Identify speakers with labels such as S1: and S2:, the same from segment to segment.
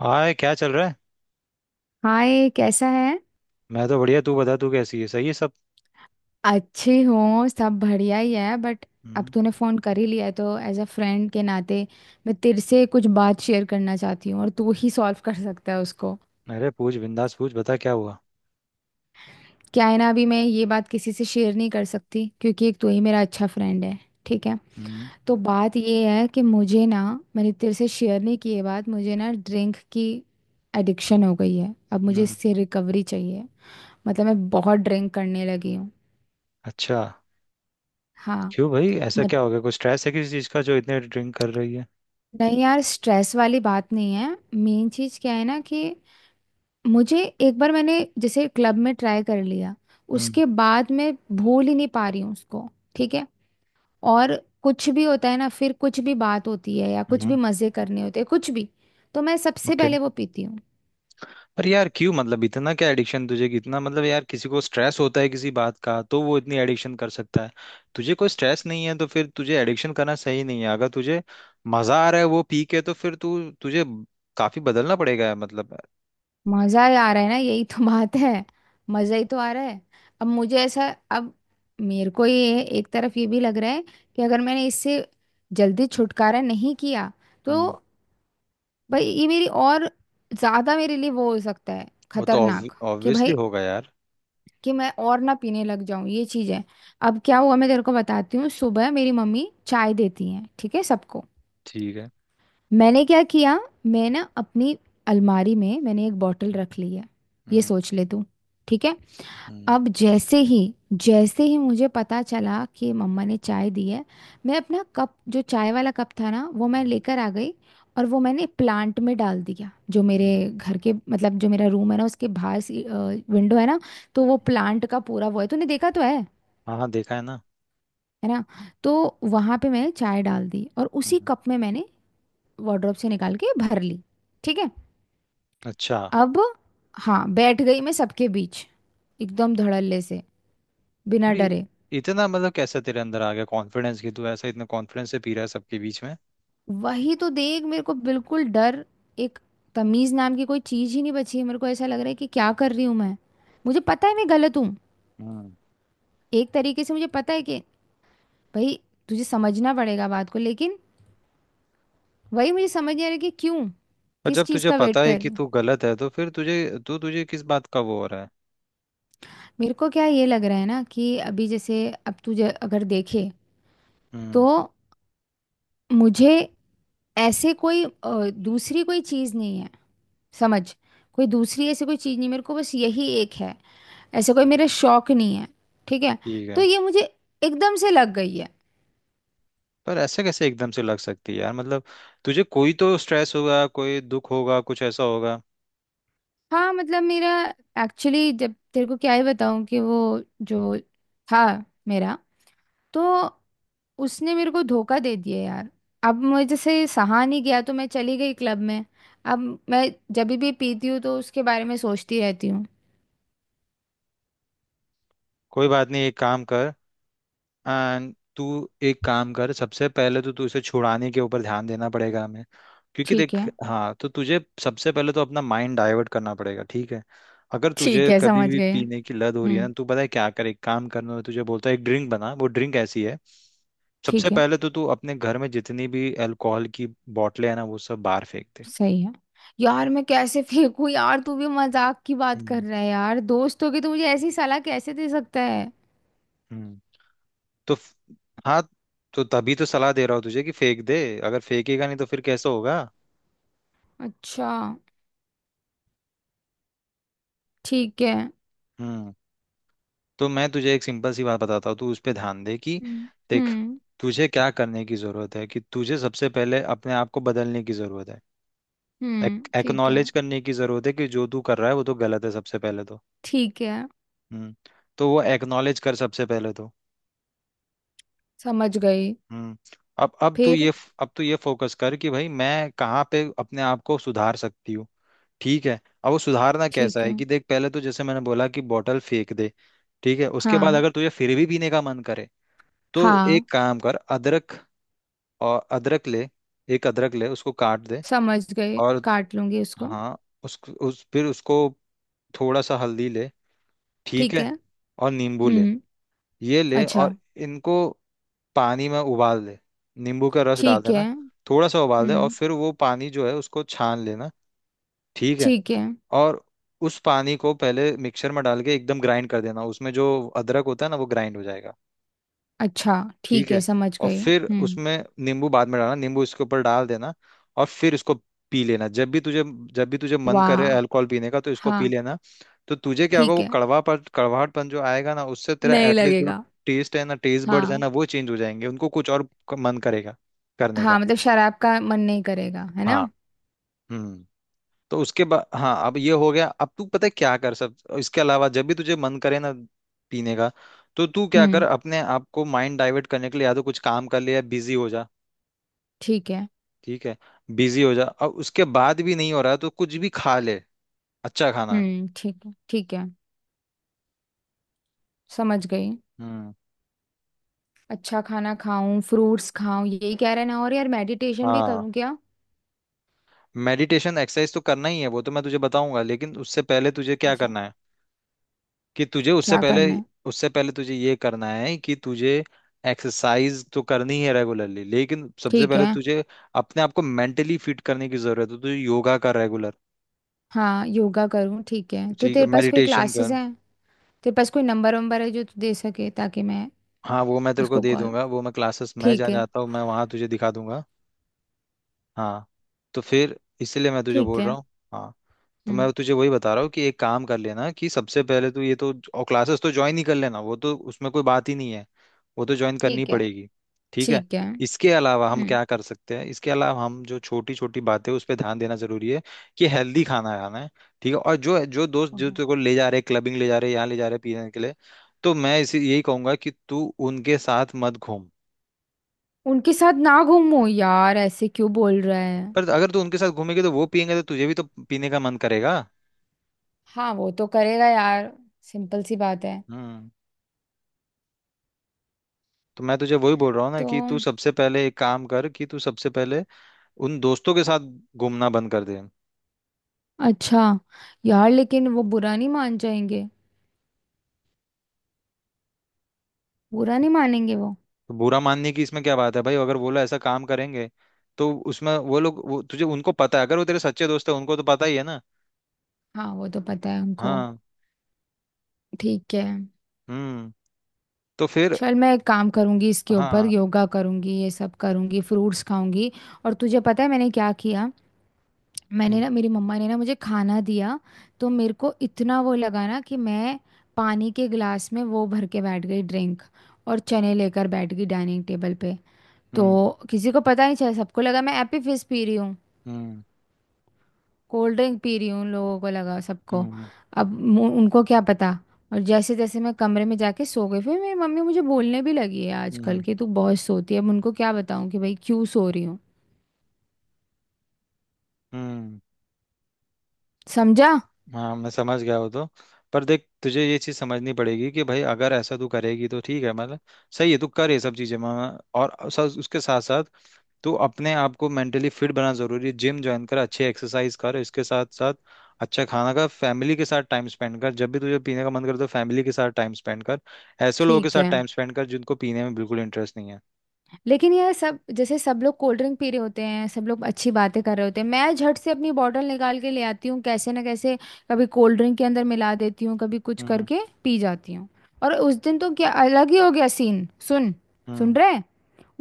S1: हाय, क्या चल रहा है?
S2: हाय, कैसा है।
S1: मैं तो बढ़िया। तू बता, तू कैसी है? सही है सब?
S2: अच्छी हूँ, सब बढ़िया ही है। बट अब
S1: हम्म।
S2: तूने फ़ोन कर ही लिया है तो एज अ फ्रेंड के नाते मैं तेरे से कुछ बात शेयर करना चाहती हूँ, और तू ही सॉल्व कर सकता है उसको।
S1: अरे पूछ, बिंदास पूछ, बता क्या हुआ।
S2: क्या है ना, अभी मैं ये बात किसी से शेयर नहीं कर सकती क्योंकि एक तू ही मेरा अच्छा फ्रेंड है। ठीक है।
S1: हम्म।
S2: तो बात ये है कि मुझे ना, मैंने तेरे से शेयर नहीं की ये बात, मुझे ना ड्रिंक की एडिक्शन हो गई है। अब मुझे
S1: हम्म।
S2: इससे रिकवरी चाहिए। मतलब मैं बहुत ड्रिंक करने लगी हूँ।
S1: अच्छा।
S2: हाँ।
S1: क्यों भाई, ऐसा क्या हो गया? कुछ स्ट्रेस है किसी चीज का जो इतने ड्रिंक कर रही है?
S2: नहीं यार, स्ट्रेस वाली बात नहीं है। मेन चीज क्या है ना कि मुझे एक बार मैंने जैसे क्लब में ट्राई कर लिया,
S1: हम्म।
S2: उसके बाद मैं भूल ही नहीं पा रही हूँ उसको। ठीक है। और कुछ भी होता है ना, फिर कुछ भी बात होती है या कुछ
S1: हम्म।
S2: भी मजे करने होते हैं कुछ भी, तो मैं सबसे
S1: ओके।
S2: पहले वो पीती हूँ।
S1: पर यार क्यों, मतलब इतना क्या एडिक्शन? तुझे कितना, मतलब यार, किसी को स्ट्रेस होता है किसी बात का तो वो इतनी एडिक्शन कर सकता है। तुझे कोई स्ट्रेस नहीं है तो फिर तुझे एडिक्शन करना सही नहीं है। अगर तुझे मजा आ रहा है वो पी के तो फिर तू तुझे काफी बदलना पड़ेगा मतलब।
S2: मजा ही आ रहा है ना, यही तो बात है। मजा ही तो आ रहा है। अब मुझे ऐसा, अब मेरे को ये एक तरफ ये भी लग रहा है कि अगर मैंने इससे जल्दी छुटकारा नहीं किया तो
S1: हम्म।
S2: भाई ये मेरी और ज्यादा मेरे लिए वो हो सकता है,
S1: वो तो
S2: खतरनाक। कि
S1: ऑब्वियसली
S2: भाई
S1: होगा यार।
S2: कि मैं और ना पीने लग जाऊं, ये चीज है। अब क्या हुआ मैं तेरे को बताती हूँ। सुबह मेरी मम्मी चाय देती है, ठीक है, सबको।
S1: ठीक है।
S2: मैंने क्या किया, मैं ना अपनी अलमारी में मैंने एक बॉटल रख ली है। ये
S1: हम्म।
S2: सोच ले तू। ठीक है।
S1: हम्म।
S2: अब जैसे ही, जैसे ही मुझे पता चला कि मम्मा ने चाय दी है, मैं अपना कप, जो चाय वाला कप था ना, वो मैं
S1: हम्म।
S2: लेकर आ गई। और वो मैंने प्लांट में डाल दिया, जो मेरे
S1: हम्म।
S2: घर के, मतलब जो मेरा रूम है ना, उसके बाहर सी विंडो है ना, तो वो प्लांट का पूरा वो है, तूने देखा तो है
S1: हाँ हाँ, देखा है ना।
S2: है ना। तो वहाँ पे मैंने चाय डाल दी और उसी
S1: हम्म।
S2: कप में मैंने वार्डरोब से निकाल के भर ली। ठीक है।
S1: अच्छा।
S2: अब हाँ, बैठ गई मैं सबके बीच एकदम धड़ल्ले से, बिना
S1: अरे,
S2: डरे।
S1: इतना मतलब कैसे तेरे अंदर आ गया कॉन्फिडेंस कि तू ऐसा इतना कॉन्फिडेंस से पी रहा है सबके बीच में?
S2: वही तो देख, मेरे को बिल्कुल डर, एक तमीज नाम की कोई चीज ही नहीं बची है। मेरे को ऐसा लग रहा है कि क्या कर रही हूं मैं। मुझे पता है मैं गलत हूँ।
S1: हम्म।
S2: एक तरीके से मुझे पता है कि भाई तुझे समझना पड़ेगा बात को, लेकिन वही मुझे समझ नहीं आ रहा कि क्यों।
S1: और
S2: किस
S1: जब
S2: चीज
S1: तुझे
S2: का वेट
S1: पता है
S2: कर
S1: कि
S2: रही हूँ।
S1: तू गलत है तो फिर तुझे किस बात का वो हो रहा है?
S2: मेरे को क्या ये लग रहा है ना कि अभी जैसे अब तुझे अगर देखे तो
S1: हम्म।
S2: मुझे ऐसे कोई दूसरी कोई चीज नहीं है, समझ। कोई दूसरी ऐसी कोई चीज नहीं, मेरे को बस यही एक है। ऐसे कोई मेरे शौक नहीं है। ठीक है।
S1: ठीक
S2: तो
S1: है।
S2: ये मुझे एकदम से लग गई है।
S1: पर ऐसे कैसे एकदम से लग सकती है यार, मतलब तुझे कोई तो स्ट्रेस होगा, कोई दुख होगा, कुछ ऐसा होगा।
S2: हाँ मतलब मेरा, एक्चुअली जब तेरे को क्या ही बताऊं कि वो जो था मेरा, तो उसने मेरे को धोखा दे दिया यार। अब मुझे से सहा नहीं गया तो मैं चली गई क्लब में। अब मैं जब भी पीती हूँ तो उसके बारे में सोचती रहती हूँ।
S1: कोई बात नहीं, एक काम कर। एंड तू एक काम कर, सबसे पहले तो तू इसे छुड़ाने के ऊपर ध्यान देना पड़ेगा हमें। क्योंकि
S2: ठीक
S1: देख,
S2: है।
S1: हाँ, तो तुझे सबसे पहले तो अपना माइंड डाइवर्ट करना पड़ेगा, ठीक है। अगर
S2: ठीक
S1: तुझे
S2: है,
S1: कभी
S2: समझ
S1: भी
S2: गए।
S1: पीने की लत हो रही है
S2: हम्म।
S1: ना, तू पता है क्या कर, एक काम करना है तुझे, बोलता है एक ड्रिंक बना, वो ड्रिंक ऐसी है। सबसे
S2: ठीक है।
S1: पहले तो तू अपने घर में जितनी भी अल्कोहल की बोतलें हैं ना वो सब बाहर फेंक दे।
S2: सही है। यार मैं कैसे फेंकू यार, तू भी मजाक की बात कर
S1: हम्म।
S2: रहा है। यार दोस्त होगी तो मुझे ऐसी सलाह कैसे दे सकता है।
S1: हम्म। तो फ- हाँ, तो तभी तो सलाह दे रहा हूँ तुझे कि फेंक दे। अगर फेंकेगा नहीं तो फिर कैसा होगा?
S2: अच्छा, ठीक है।
S1: हम्म। तो मैं तुझे एक सिंपल सी बात बताता हूँ, तू उस पर ध्यान दे कि
S2: हम्म।
S1: देख,
S2: हम्म।
S1: तुझे क्या करने की जरूरत है कि तुझे सबसे पहले अपने आप को बदलने की जरूरत है।
S2: ठीक है।
S1: एक्नॉलेज करने की जरूरत है कि जो तू कर रहा है वो तो गलत है, सबसे पहले तो।
S2: ठीक है,
S1: हम्म। तो वो एक्नॉलेज कर सबसे पहले तो।
S2: समझ गई।
S1: हम्म। अब अब तू
S2: फिर।
S1: ये अब तू ये फोकस कर कि भाई मैं कहाँ पे अपने आप को सुधार सकती हूँ। ठीक है। अब वो सुधारना कैसा
S2: ठीक
S1: है
S2: है।
S1: कि देख, पहले तो जैसे मैंने बोला कि बॉटल फेंक दे। ठीक है, उसके बाद
S2: हाँ।
S1: अगर तुझे फिर भी पीने का मन करे तो
S2: हाँ,
S1: एक काम कर, अदरक, और अदरक ले, एक अदरक ले उसको काट दे,
S2: समझ गई,
S1: और,
S2: काट लूंगी उसको।
S1: हाँ, उस फिर उसको, थोड़ा सा हल्दी ले, ठीक
S2: ठीक
S1: है,
S2: है।
S1: और नींबू ले,
S2: हम्म।
S1: ये ले, और
S2: अच्छा।
S1: इनको पानी में उबाल दे, नींबू का रस डाल
S2: ठीक
S1: देना,
S2: है।
S1: थोड़ा सा उबाल दे और
S2: हम्म।
S1: फिर वो पानी जो है उसको छान लेना, ठीक है।
S2: ठीक है।
S1: और उस पानी को पहले मिक्सर में डाल के एकदम ग्राइंड कर देना, उसमें जो अदरक होता है ना वो ग्राइंड हो जाएगा।
S2: अच्छा,
S1: ठीक
S2: ठीक है,
S1: है,
S2: समझ
S1: और
S2: गई।
S1: फिर
S2: हम्म।
S1: उसमें नींबू बाद में डालना, नींबू इसके ऊपर डाल देना। और फिर इसको पी लेना, जब भी तुझे मन करे
S2: वाह।
S1: अल्कोहल पीने का तो इसको पी
S2: हाँ।
S1: लेना। तो तुझे क्या होगा,
S2: ठीक
S1: वो
S2: है।
S1: कड़वापन कड़वाहटपन जो आएगा ना उससे तेरा
S2: नहीं
S1: एटलीस्ट जो
S2: लगेगा।
S1: टेस्ट है ना, टेस्ट बड्स है ना,
S2: हाँ।
S1: वो चेंज हो जाएंगे। उनको कुछ और मन करेगा करने का।
S2: हाँ, मतलब शराब का मन नहीं करेगा है ना।
S1: हाँ। हम्म। तो उसके बाद, हाँ, अब ये हो गया। अब तू पता है क्या कर सब इसके अलावा, जब भी तुझे मन करे ना पीने का, तो तू क्या कर,
S2: हम्म,
S1: अपने आप को माइंड डाइवर्ट करने के लिए या तो कुछ काम कर ले या बिजी हो जा,
S2: ठीक है।
S1: ठीक है। बिजी हो जा, और उसके बाद भी नहीं हो रहा है, तो कुछ भी खा ले, अच्छा खाना।
S2: हम्म, ठीक है। ठीक है, समझ गई।
S1: हम्म।
S2: अच्छा खाना खाऊं, फ्रूट्स खाऊं, यही कह रहे ना। और यार मेडिटेशन भी
S1: हाँ,
S2: करूं क्या।
S1: मेडिटेशन एक्सरसाइज तो करना ही है, वो तो मैं तुझे बताऊंगा, लेकिन उससे पहले तुझे क्या
S2: अच्छा।
S1: करना है कि तुझे
S2: क्या करना है।
S1: उससे पहले तुझे ये करना है कि तुझे एक्सरसाइज तो करनी है रेगुलरली, लेकिन सबसे
S2: ठीक
S1: पहले
S2: है।
S1: तुझे अपने आप को मेंटली फिट करने की जरूरत है, तो तुझे योगा कर रेगुलर,
S2: हाँ, योगा करूं, ठीक है। तो
S1: ठीक है,
S2: तेरे पास कोई
S1: मेडिटेशन
S2: क्लासेस
S1: कर।
S2: हैं, तेरे पास कोई नंबर वंबर है जो तू दे सके ताकि मैं
S1: हाँ, वो मैं तेरे को
S2: उसको
S1: दे
S2: कॉल।
S1: दूंगा, वो मैं, क्लासेस मैं
S2: ठीक
S1: जहाँ
S2: है।
S1: जाता हूँ मैं वहाँ तुझे दिखा दूंगा। हाँ, तो फिर इसीलिए मैं तुझे
S2: ठीक
S1: बोल रहा
S2: है।
S1: हूँ। हाँ, तो
S2: हम्म।
S1: मैं तुझे वही बता रहा हूँ कि एक काम कर लेना, कि सबसे पहले तो ये तो, और क्लासेस तो ज्वाइन ही कर लेना, वो तो उसमें कोई बात ही नहीं है, वो तो ज्वाइन करनी
S2: ठीक है।
S1: पड़ेगी, ठीक है।
S2: ठीक है।
S1: इसके अलावा हम
S2: हम्म।
S1: क्या कर सकते हैं, इसके अलावा हम जो छोटी छोटी बातें उस पर ध्यान देना जरूरी है, कि हेल्दी खाना खाना है, ठीक है, और जो जो दोस्त जो
S2: Okay.
S1: तेरे को ले जा रहे हैं क्लबिंग, ले जा रहे हैं यहाँ, ले जा रहे हैं पीने के लिए, तो मैं इसी यही कहूंगा कि तू उनके साथ मत घूम।
S2: उनके साथ ना घूमो, यार ऐसे क्यों बोल रहा है।
S1: पर अगर तू उनके साथ घूमेगी तो वो पियेंगे तो तुझे भी तो पीने का मन करेगा।
S2: हाँ, वो तो करेगा यार। सिंपल सी बात है।
S1: हम्म। तो मैं तुझे वही बोल रहा हूँ ना
S2: तो।
S1: कि तू सबसे पहले एक काम कर कि तू सबसे पहले उन दोस्तों के साथ घूमना बंद कर दे।
S2: अच्छा। यार लेकिन वो बुरा नहीं मान जाएंगे। बुरा नहीं मानेंगे वो।
S1: तो बुरा मानने की इसमें क्या बात है भाई, अगर वो लोग ऐसा काम करेंगे तो उसमें तुझे, उनको पता है, अगर वो तेरे सच्चे दोस्त है उनको तो पता ही है ना।
S2: हाँ, वो तो पता है उनको।
S1: हाँ।
S2: ठीक है।
S1: हम्म। तो फिर,
S2: चल मैं एक काम करूंगी इसके ऊपर,
S1: हाँ।
S2: योगा करूंगी, ये सब करूंगी, फ्रूट्स खाऊंगी। और तुझे पता है मैंने क्या किया। मैंने
S1: हम्म।
S2: ना, मेरी मम्मा ने ना मुझे खाना दिया, तो मेरे को इतना वो लगा ना कि मैं पानी के गिलास में वो भर के बैठ गई, ड्रिंक। और चने लेकर बैठ गई डाइनिंग टेबल पे। तो
S1: हम्म।
S2: किसी को पता नहीं चला, सबको लगा मैं एप्पी फिज पी रही हूँ।
S1: हम्म।
S2: कोल्ड ड्रिंक पी रही हूँ उन लोगों को लगा, सबको।
S1: हम्म।
S2: अब उनको क्या पता। और जैसे जैसे मैं कमरे में जाके सो गई, फिर मेरी मम्मी मुझे बोलने भी लगी है आजकल
S1: हम्म।
S2: कि तू बहुत सोती है। अब उनको क्या बताऊं कि भाई क्यों सो रही हूँ।
S1: हम्म।
S2: समझा।
S1: हाँ, मैं समझ गया वो तो। पर देख, तुझे ये चीज समझनी पड़ेगी कि भाई अगर ऐसा तू करेगी तो ठीक है, मतलब सही है तू कर ये सब चीजें मैं, और उसके साथ साथ तो अपने आप को मेंटली फिट बनाना जरूरी है, जिम ज्वाइन कर, अच्छी एक्सरसाइज कर, इसके साथ साथ अच्छा खाना खा, फैमिली के साथ टाइम स्पेंड कर, जब भी तुझे पीने का मन करे तो फैमिली के साथ टाइम स्पेंड कर, ऐसे लोगों के
S2: ठीक
S1: साथ
S2: है।
S1: टाइम स्पेंड कर जिनको पीने में बिल्कुल इंटरेस्ट नहीं है।
S2: लेकिन यार, सब जैसे सब लोग कोल्ड ड्रिंक पी रहे होते हैं, सब लोग अच्छी बातें कर रहे होते हैं, मैं झट से अपनी बॉटल निकाल के ले आती हूँ कैसे ना कैसे। कभी कोल्ड ड्रिंक के अंदर मिला देती हूँ, कभी कुछ
S1: हम्म।
S2: करके पी जाती हूँ। और उस दिन तो क्या अलग ही हो गया सीन, सुन। सुन
S1: हम्म।
S2: रहे।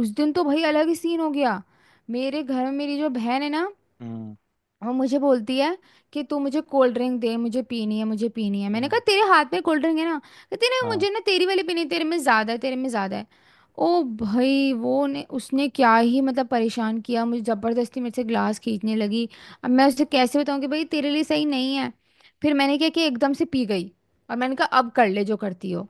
S2: उस दिन तो भाई अलग ही सीन हो गया। मेरे घर में मेरी जो बहन है ना,
S1: हम्म।
S2: और मुझे बोलती है कि तू मुझे कोल्ड ड्रिंक दे, मुझे पीनी है, मुझे पीनी है। मैंने कहा
S1: हम्म।
S2: तेरे हाथ में कोल्ड ड्रिंक है ना। कहती ना,
S1: हाँ।
S2: मुझे ना तेरी वाली पीनी है, तेरे में ज्यादा है, तेरे में ज्यादा है। ओ भाई, वो ने उसने क्या ही मतलब परेशान किया मुझे, जबरदस्ती मेरे से ग्लास खींचने लगी। अब मैं उसे कैसे बताऊं कि भाई तेरे लिए सही नहीं है। फिर मैंने क्या कि एकदम से पी गई। और मैंने कहा अब कर ले जो करती हो।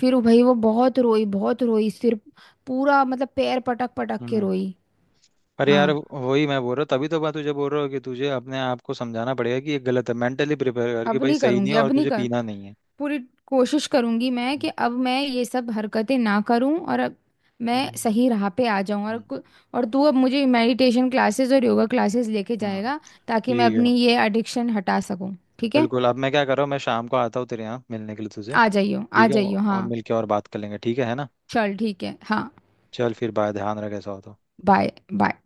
S2: फिर वो भाई वो बहुत रोई, बहुत रोई, सिर पूरा, मतलब पैर पटक पटक के
S1: हम्म।
S2: रोई।
S1: पर यार
S2: हाँ,
S1: वही मैं बोल रहा हूँ, तभी तो मैं तुझे बोल रहा हूँ कि तुझे अपने आप को समझाना पड़ेगा कि ये गलत है, मेंटली प्रिपेयर कर कि
S2: अब
S1: भाई
S2: नहीं
S1: सही नहीं
S2: करूंगी,
S1: है और
S2: अब नहीं
S1: तुझे
S2: कर,
S1: पीना नहीं है।
S2: पूरी कोशिश करूंगी मैं
S1: हम्म।
S2: कि अब मैं ये सब हरकतें ना करूं, और अब मैं
S1: हम्म।
S2: सही राह पे आ जाऊं। और
S1: हम्म।
S2: और तू अब मुझे मेडिटेशन क्लासेस और योगा क्लासेस लेके
S1: हम्म।
S2: जाएगा ताकि मैं
S1: ठीक है,
S2: अपनी ये एडिक्शन हटा सकूं। ठीक है।
S1: बिल्कुल। अब मैं क्या कर रहा हूँ, मैं शाम को आता हूँ तेरे यहाँ मिलने के लिए तुझे,
S2: आ जाइयो, आ
S1: ठीक है,
S2: जाइयो,
S1: और
S2: हाँ।
S1: मिलके और बात कर लेंगे, ठीक है ना?
S2: चल ठीक है, हाँ।
S1: चल फिर बाय, ध्यान रख ऐसा हो तो।
S2: Bye bye.